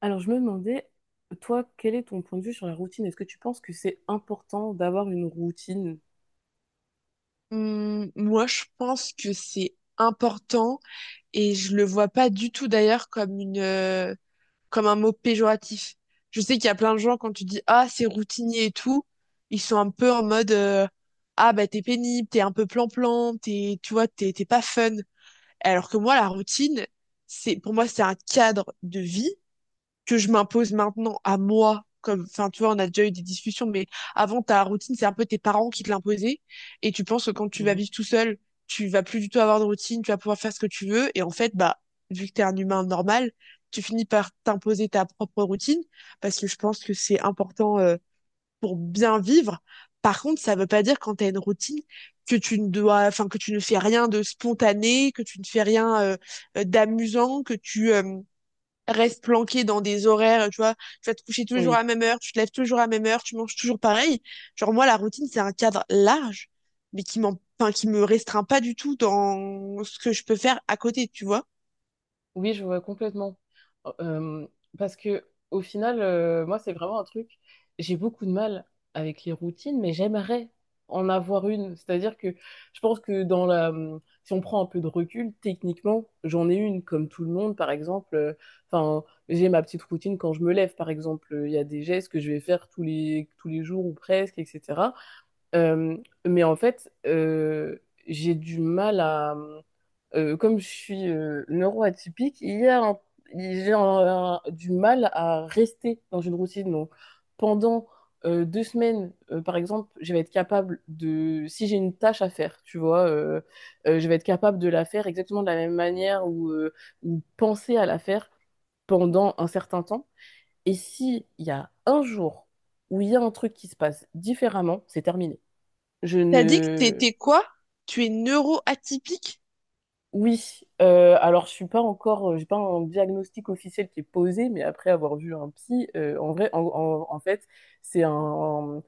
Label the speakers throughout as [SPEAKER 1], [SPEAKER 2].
[SPEAKER 1] Alors, je me demandais, toi, quel est ton point de vue sur la routine? Est-ce que tu penses que c'est important d'avoir une routine?
[SPEAKER 2] Moi, je pense que c'est important et je le vois pas du tout d'ailleurs comme une, comme un mot péjoratif. Je sais qu'il y a plein de gens, quand tu dis ah c'est routinier et tout, ils sont un peu en mode ah bah t'es pénible, t'es un peu plan-plan, t'es, tu vois, t'es pas fun. Alors que moi la routine, c'est pour moi c'est un cadre de vie que je m'impose maintenant à moi. Comme, enfin, tu vois, on a déjà eu des discussions, mais avant, ta routine, c'est un peu tes parents qui te l'imposaient. Et tu penses que quand tu vas
[SPEAKER 1] Mhm.
[SPEAKER 2] vivre tout seul, tu vas plus du tout avoir de routine, tu vas pouvoir faire ce que tu veux. Et en fait, bah, vu que t'es un humain normal, tu finis par t'imposer ta propre routine parce que je pense que c'est important, pour bien vivre. Par contre, ça veut pas dire quand t'as une routine que tu ne dois, enfin, que tu ne fais rien de spontané, que tu ne fais rien, d'amusant, que tu reste planqué dans des horaires, tu vois, tu vas te coucher toujours à
[SPEAKER 1] Oui.
[SPEAKER 2] la même heure, tu te lèves toujours à la même heure, tu manges toujours pareil. Genre moi, la routine, c'est un cadre large, mais qui me restreint pas du tout dans ce que je peux faire à côté, tu vois.
[SPEAKER 1] Oui, je vois complètement. Oh, Euh, Parce que au final, moi, c'est vraiment un truc. J'ai beaucoup de mal avec les routines, mais j'aimerais en avoir une. C'est-à-dire que je pense que dans la, si on prend un peu de recul, techniquement, j'en ai une, comme tout le monde, par exemple. Enfin, j'ai ma petite routine quand je me lève, par exemple. Il y a des gestes que je vais faire tous les jours ou presque, etc. Euh, mais en fait, j'ai du mal à... Comme je suis neuroatypique, il y a un- j'ai du mal à rester dans une routine. Donc, pendant deux semaines, par exemple, je vais être capable de... Si j'ai une tâche à faire, tu vois, je vais être capable de la faire exactement de la même manière ou ou penser à la faire pendant un certain temps. Et si il y a un jour où il y a un truc qui se passe différemment, c'est terminé. Je
[SPEAKER 2] T'as dit que
[SPEAKER 1] ne...
[SPEAKER 2] t'étais quoi? Tu es neuro atypique?
[SPEAKER 1] Oui, alors je suis pas encore, j'ai pas un diagnostic officiel qui est posé, mais après avoir vu un psy, en vrai, en fait, c'est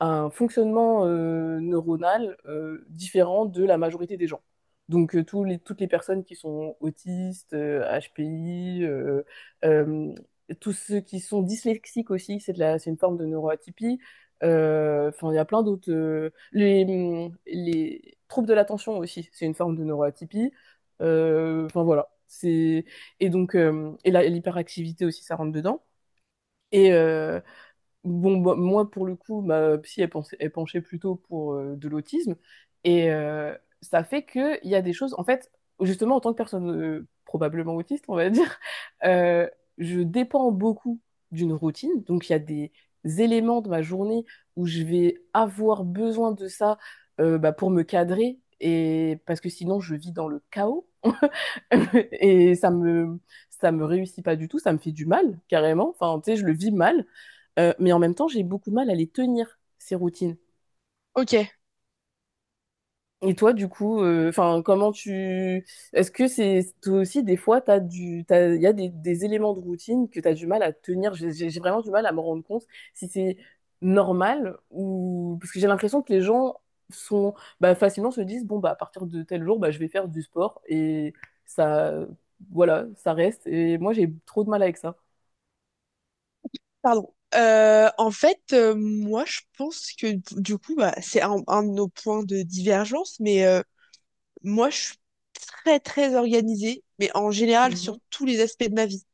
[SPEAKER 1] un fonctionnement neuronal différent de la majorité des gens. Donc toutes les personnes qui sont autistes, HPI, euh, tous ceux qui sont dyslexiques aussi, c'est une forme de neuroatypie. Enfin, il y a plein d'autres. Les, les troubles de l'attention aussi, c'est une forme de neuroatypie. Enfin voilà. C'est et Donc l'hyperactivité aussi, ça rentre dedans. Et, euh, Bon, bah, moi, pour le coup, ma psy, elle, elle penchait plutôt pour de l'autisme. Et ça fait qu'il y a des choses, en fait, justement, en tant que personne probablement autiste, on va dire, euh, je dépends beaucoup d'une routine. Donc, il y a des éléments de ma journée où je vais avoir besoin de ça bah, pour me cadrer. Et parce que sinon, je vis dans le chaos. Et ça me, Ça me réussit pas du tout, ça me fait du mal, carrément. Enfin, tu sais, je le vis mal. Mais en même temps, j'ai beaucoup de mal à les tenir, ces routines.
[SPEAKER 2] Ok,
[SPEAKER 1] Et toi, du coup, enfin, comment tu... Est-ce que c'est toi aussi, des fois, t'as du... t'as... il y a des éléments de routine que tu as du mal à tenir. J'ai vraiment du mal à me rendre compte si c'est normal ou... Parce que j'ai l'impression que les gens sont... Bah, facilement se disent, bon, bah, à partir de tel jour, bah, je vais faire du sport. Et ça... Voilà, ça reste. Et moi, j'ai trop de mal avec ça.
[SPEAKER 2] pardon. En fait, moi, je pense que du coup, bah, c'est un de nos points de divergence, mais moi, je suis très, très organisée, mais en général sur
[SPEAKER 1] Mhm.
[SPEAKER 2] tous les aspects de ma vie.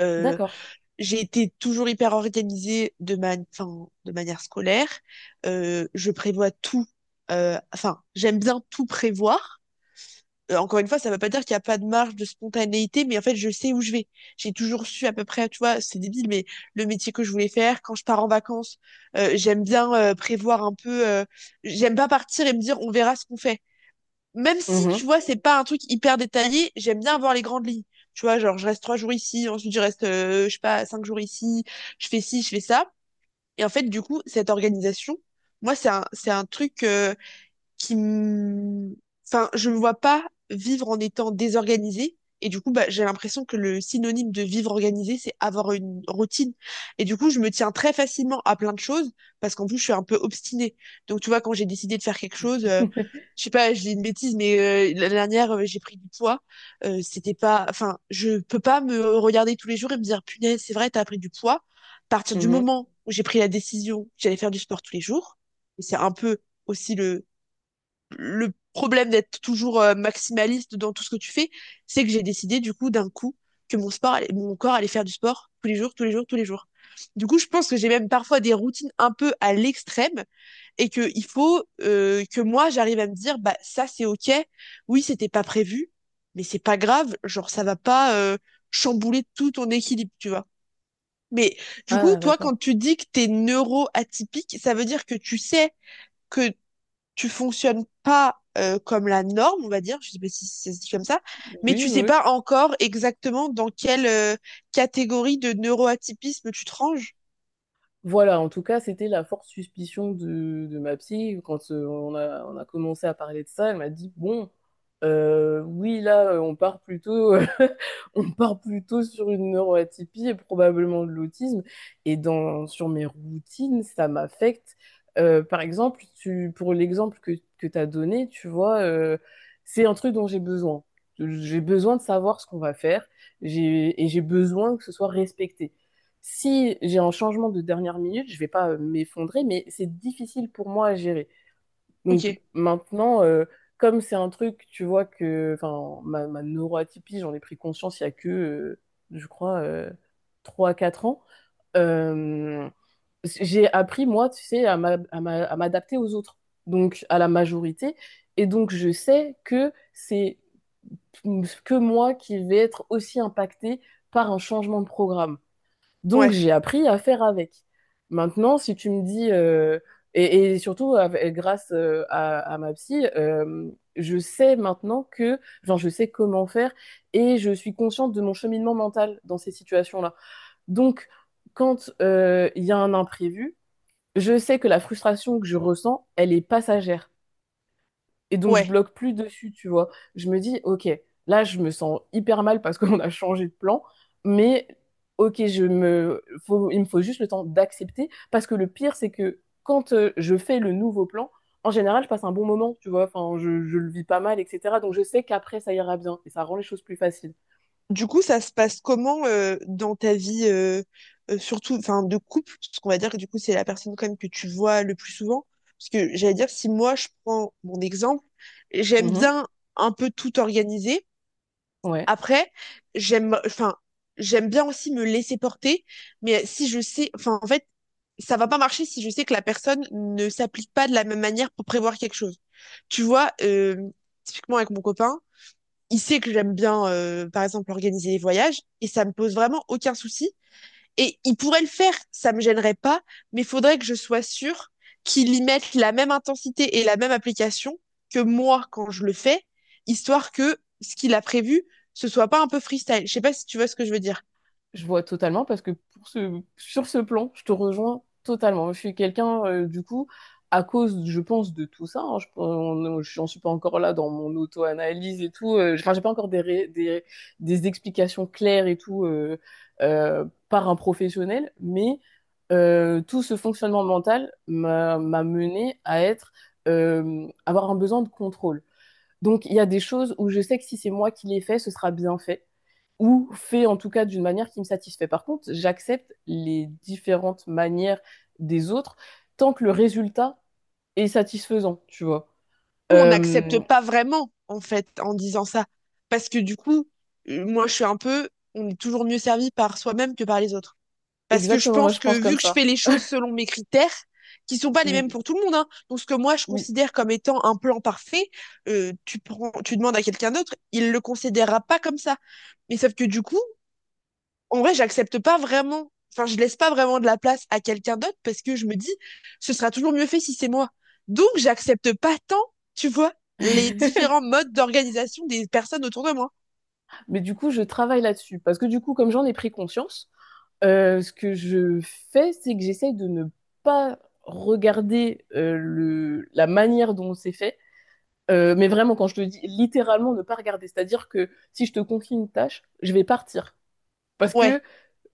[SPEAKER 2] Euh,
[SPEAKER 1] D'accord.
[SPEAKER 2] j'ai été toujours hyper organisée de ma, enfin, de manière scolaire. Je prévois tout. Enfin, j'aime bien tout prévoir. Encore une fois, ça ne veut pas dire qu'il n'y a pas de marge de spontanéité, mais en fait, je sais où je vais. J'ai toujours su à peu près, tu vois, c'est débile, mais le métier que je voulais faire, quand je pars en vacances, j'aime bien prévoir un peu. J'aime pas partir et me dire on verra ce qu'on fait, même si,
[SPEAKER 1] Mhm.
[SPEAKER 2] tu vois, c'est pas un truc hyper détaillé, j'aime bien voir les grandes lignes. Tu vois, genre, je reste trois jours ici, ensuite je reste, je sais pas, cinq jours ici, je fais ci, je fais ça. Et en fait, du coup, cette organisation, moi, c'est c'est un truc, qui m- enfin je me vois pas vivre en étant désorganisée, et du coup bah, j'ai l'impression que le synonyme de vivre organisé, c'est avoir une routine, et du coup je me tiens très facilement à plein de choses parce qu'en plus je suis un peu obstinée. Donc tu vois, quand j'ai décidé de faire quelque chose, je sais pas, je dis une bêtise, mais la dernière j'ai pris du poids. C'était pas, enfin, je peux pas me regarder tous les jours et me dire punaise c'est vrai t'as pris du poids. À partir du
[SPEAKER 1] Mhm.
[SPEAKER 2] moment où j'ai pris la décision que j'allais faire du sport tous les jours, et c'est un peu aussi le problème d'être toujours maximaliste dans tout ce que tu fais, c'est que j'ai décidé du coup d'un coup que mon corps allait faire du sport tous les jours, tous les jours, tous les jours. Du coup, je pense que j'ai même parfois des routines un peu à l'extrême et que il faut que moi j'arrive à me dire bah ça c'est ok, oui c'était pas prévu, mais c'est pas grave, genre ça va pas chambouler tout ton équilibre, tu vois. Mais du coup,
[SPEAKER 1] Ah,
[SPEAKER 2] toi,
[SPEAKER 1] d'accord.
[SPEAKER 2] quand tu dis que t'es neuro-atypique, ça veut dire que tu sais que tu fonctionnes pas comme la norme, on va dire, je sais pas si ça se dit comme ça, mais
[SPEAKER 1] Oui, oui,
[SPEAKER 2] tu sais
[SPEAKER 1] oui.
[SPEAKER 2] pas encore exactement dans quelle catégorie de neuroatypisme tu te ranges.
[SPEAKER 1] Voilà, en tout cas, c'était la forte suspicion de ma psy. Quand on a commencé à parler de ça, elle m'a dit, bon, oui, là, on part plutôt, on part plutôt sur une neuroatypie et probablement de l'autisme. Sur mes routines, ça m'affecte. Par exemple, pour l'exemple que tu as donné, tu vois, c'est un truc dont j'ai besoin. J'ai besoin de savoir ce qu'on va faire, et j'ai besoin que ce soit respecté. Si j'ai un changement de dernière minute, je vais pas m'effondrer, mais c'est difficile pour moi à gérer. Donc
[SPEAKER 2] Ok.
[SPEAKER 1] maintenant, comme c'est un truc, tu vois que, enfin, ma neuroatypie, j'en ai pris conscience il y a je crois, 3 à 4 ans. Euh, j'ai appris, moi, tu sais, à m'adapter aux autres, donc à la majorité. Et donc, je sais que c'est que moi qui vais être aussi impactée par un changement de programme. Donc,
[SPEAKER 2] Ouais,
[SPEAKER 1] j'ai appris à faire avec. Maintenant, si tu me dis, et surtout grâce à ma psy, je sais maintenant que, genre je sais comment faire et je suis consciente de mon cheminement mental dans ces situations-là. Donc, quand il y a un imprévu, je sais que la frustration que je ressens, elle est passagère. Et donc, je
[SPEAKER 2] ouais.
[SPEAKER 1] bloque plus dessus, tu vois. Je me dis, OK, là, je me sens hyper mal parce qu'on a changé de plan, mais OK, je me... il me faut juste le temps d'accepter parce que le pire, c'est que quand je fais le nouveau plan, en général, je passe un bon moment, tu vois. Enfin, je le vis pas mal, etc. Donc, je sais qu'après, ça ira bien et ça rend les choses plus faciles.
[SPEAKER 2] Du coup, ça se passe comment dans ta vie, surtout, enfin, de couple, parce qu'on va dire que du coup, c'est la personne quand même que tu vois le plus souvent. Parce que j'allais dire, si moi je prends mon exemple, j'aime
[SPEAKER 1] Mhm.
[SPEAKER 2] bien un peu tout organiser.
[SPEAKER 1] Ouais.
[SPEAKER 2] Après, j'aime, enfin, j'aime bien aussi me laisser porter, mais si je sais, enfin, en fait, ça va pas marcher si je sais que la personne ne s'applique pas de la même manière pour prévoir quelque chose. Tu vois, typiquement avec mon copain, il sait que j'aime bien, par exemple, organiser les voyages, et ça me pose vraiment aucun souci et il pourrait le faire, ça me gênerait pas, mais il faudrait que je sois sûre qu'il y mette la même intensité et la même application que moi quand je le fais, histoire que ce qu'il a prévu, ce soit pas un peu freestyle. Je sais pas si tu vois ce que je veux dire.
[SPEAKER 1] Je vois totalement parce que pour ce, sur ce plan, je te rejoins totalement. Je suis quelqu'un, du coup, à cause, je pense, de tout ça. Hein, j'en suis pas encore là dans mon auto-analyse et tout. Enfin, j'ai pas encore des explications claires et tout par un professionnel, mais tout ce fonctionnement mental m'a mené à être, avoir un besoin de contrôle. Donc, il y a des choses où je sais que si c'est moi qui les fais, ce sera bien fait ou fait en tout cas d'une manière qui me satisfait. Par contre, j'accepte les différentes manières des autres tant que le résultat est satisfaisant, tu vois.
[SPEAKER 2] Nous, on n'accepte
[SPEAKER 1] Euh,
[SPEAKER 2] pas vraiment, en fait, en disant ça. Parce que du coup, moi, je suis un peu, on est toujours mieux servi par soi-même que par les autres. Parce que je
[SPEAKER 1] Exactement, moi
[SPEAKER 2] pense
[SPEAKER 1] je
[SPEAKER 2] que
[SPEAKER 1] pense
[SPEAKER 2] vu
[SPEAKER 1] comme
[SPEAKER 2] que je
[SPEAKER 1] ça.
[SPEAKER 2] fais les choses selon mes critères, qui sont pas les mêmes
[SPEAKER 1] Oui,
[SPEAKER 2] pour tout le monde, hein. Donc ce que moi je
[SPEAKER 1] oui.
[SPEAKER 2] considère comme étant un plan parfait, tu prends, tu demandes à quelqu'un d'autre, il le considérera pas comme ça. Mais sauf que du coup, en vrai, j'accepte pas vraiment, enfin, je laisse pas vraiment de la place à quelqu'un d'autre, parce que je me dis, ce sera toujours mieux fait si c'est moi. Donc, j'accepte pas tant, tu vois, les différents modes d'organisation des personnes autour de moi.
[SPEAKER 1] Mais du coup, je travaille là-dessus parce que du coup, comme j'en ai pris conscience, ce que je fais, c'est que j'essaye de ne pas regarder la manière dont c'est fait, mais vraiment, quand je te dis littéralement ne pas regarder, c'est-à-dire que si je te confie une tâche, je vais partir. Parce que
[SPEAKER 2] Ouais,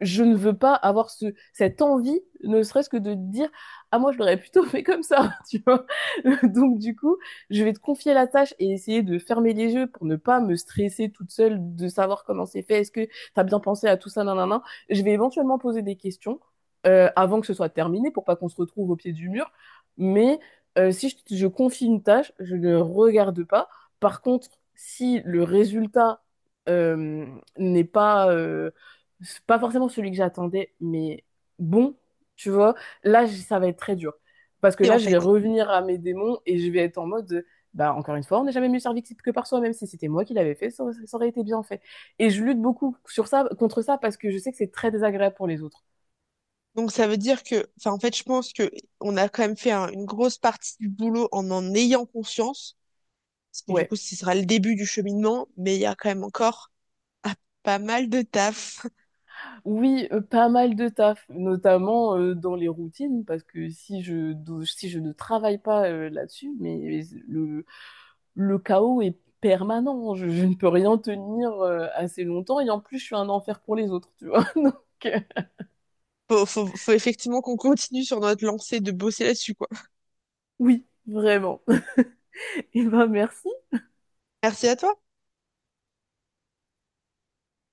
[SPEAKER 1] je ne veux pas avoir cette envie, ne serait-ce que de dire: ah, moi, je l'aurais plutôt fait comme ça, tu vois. Donc, du coup, je vais te confier la tâche et essayer de fermer les yeux pour ne pas me stresser toute seule de savoir comment c'est fait. Est-ce que t'as bien pensé à tout ça, nan, nan, nan. Je vais éventuellement poser des questions avant que ce soit terminé pour pas qu'on se retrouve au pied du mur. Mais si je confie une tâche, je ne regarde pas. Par contre, si le résultat euh, n'est pas c'est pas forcément celui que j'attendais, mais bon, tu vois, là, ça va être très dur. Parce que
[SPEAKER 2] et en
[SPEAKER 1] là, je vais
[SPEAKER 2] fait.
[SPEAKER 1] revenir à mes démons et je vais être en mode, bah, encore une fois, on n'est jamais mieux servi que par soi, même si c'était moi qui l'avais fait, ça aurait été bien fait. Et je lutte beaucoup contre ça parce que je sais que c'est très désagréable pour les autres.
[SPEAKER 2] Donc ça veut dire que, enfin en fait je pense que on a quand même fait une grosse partie du boulot en en ayant conscience, parce que du
[SPEAKER 1] Ouais.
[SPEAKER 2] coup ce sera le début du cheminement, mais il y a quand même encore ah, pas mal de taf.
[SPEAKER 1] Oui, pas mal de taf, notamment dans les routines, parce que si si je ne travaille pas là-dessus, mais le, le chaos est permanent. Je ne peux rien tenir assez longtemps. Et en plus, je suis un enfer pour les autres, tu vois. Donc, euh,
[SPEAKER 2] Faut, faut, faut effectivement qu'on continue sur notre lancée de bosser là-dessus, quoi.
[SPEAKER 1] oui, vraiment. Et ben, merci.
[SPEAKER 2] Merci à toi.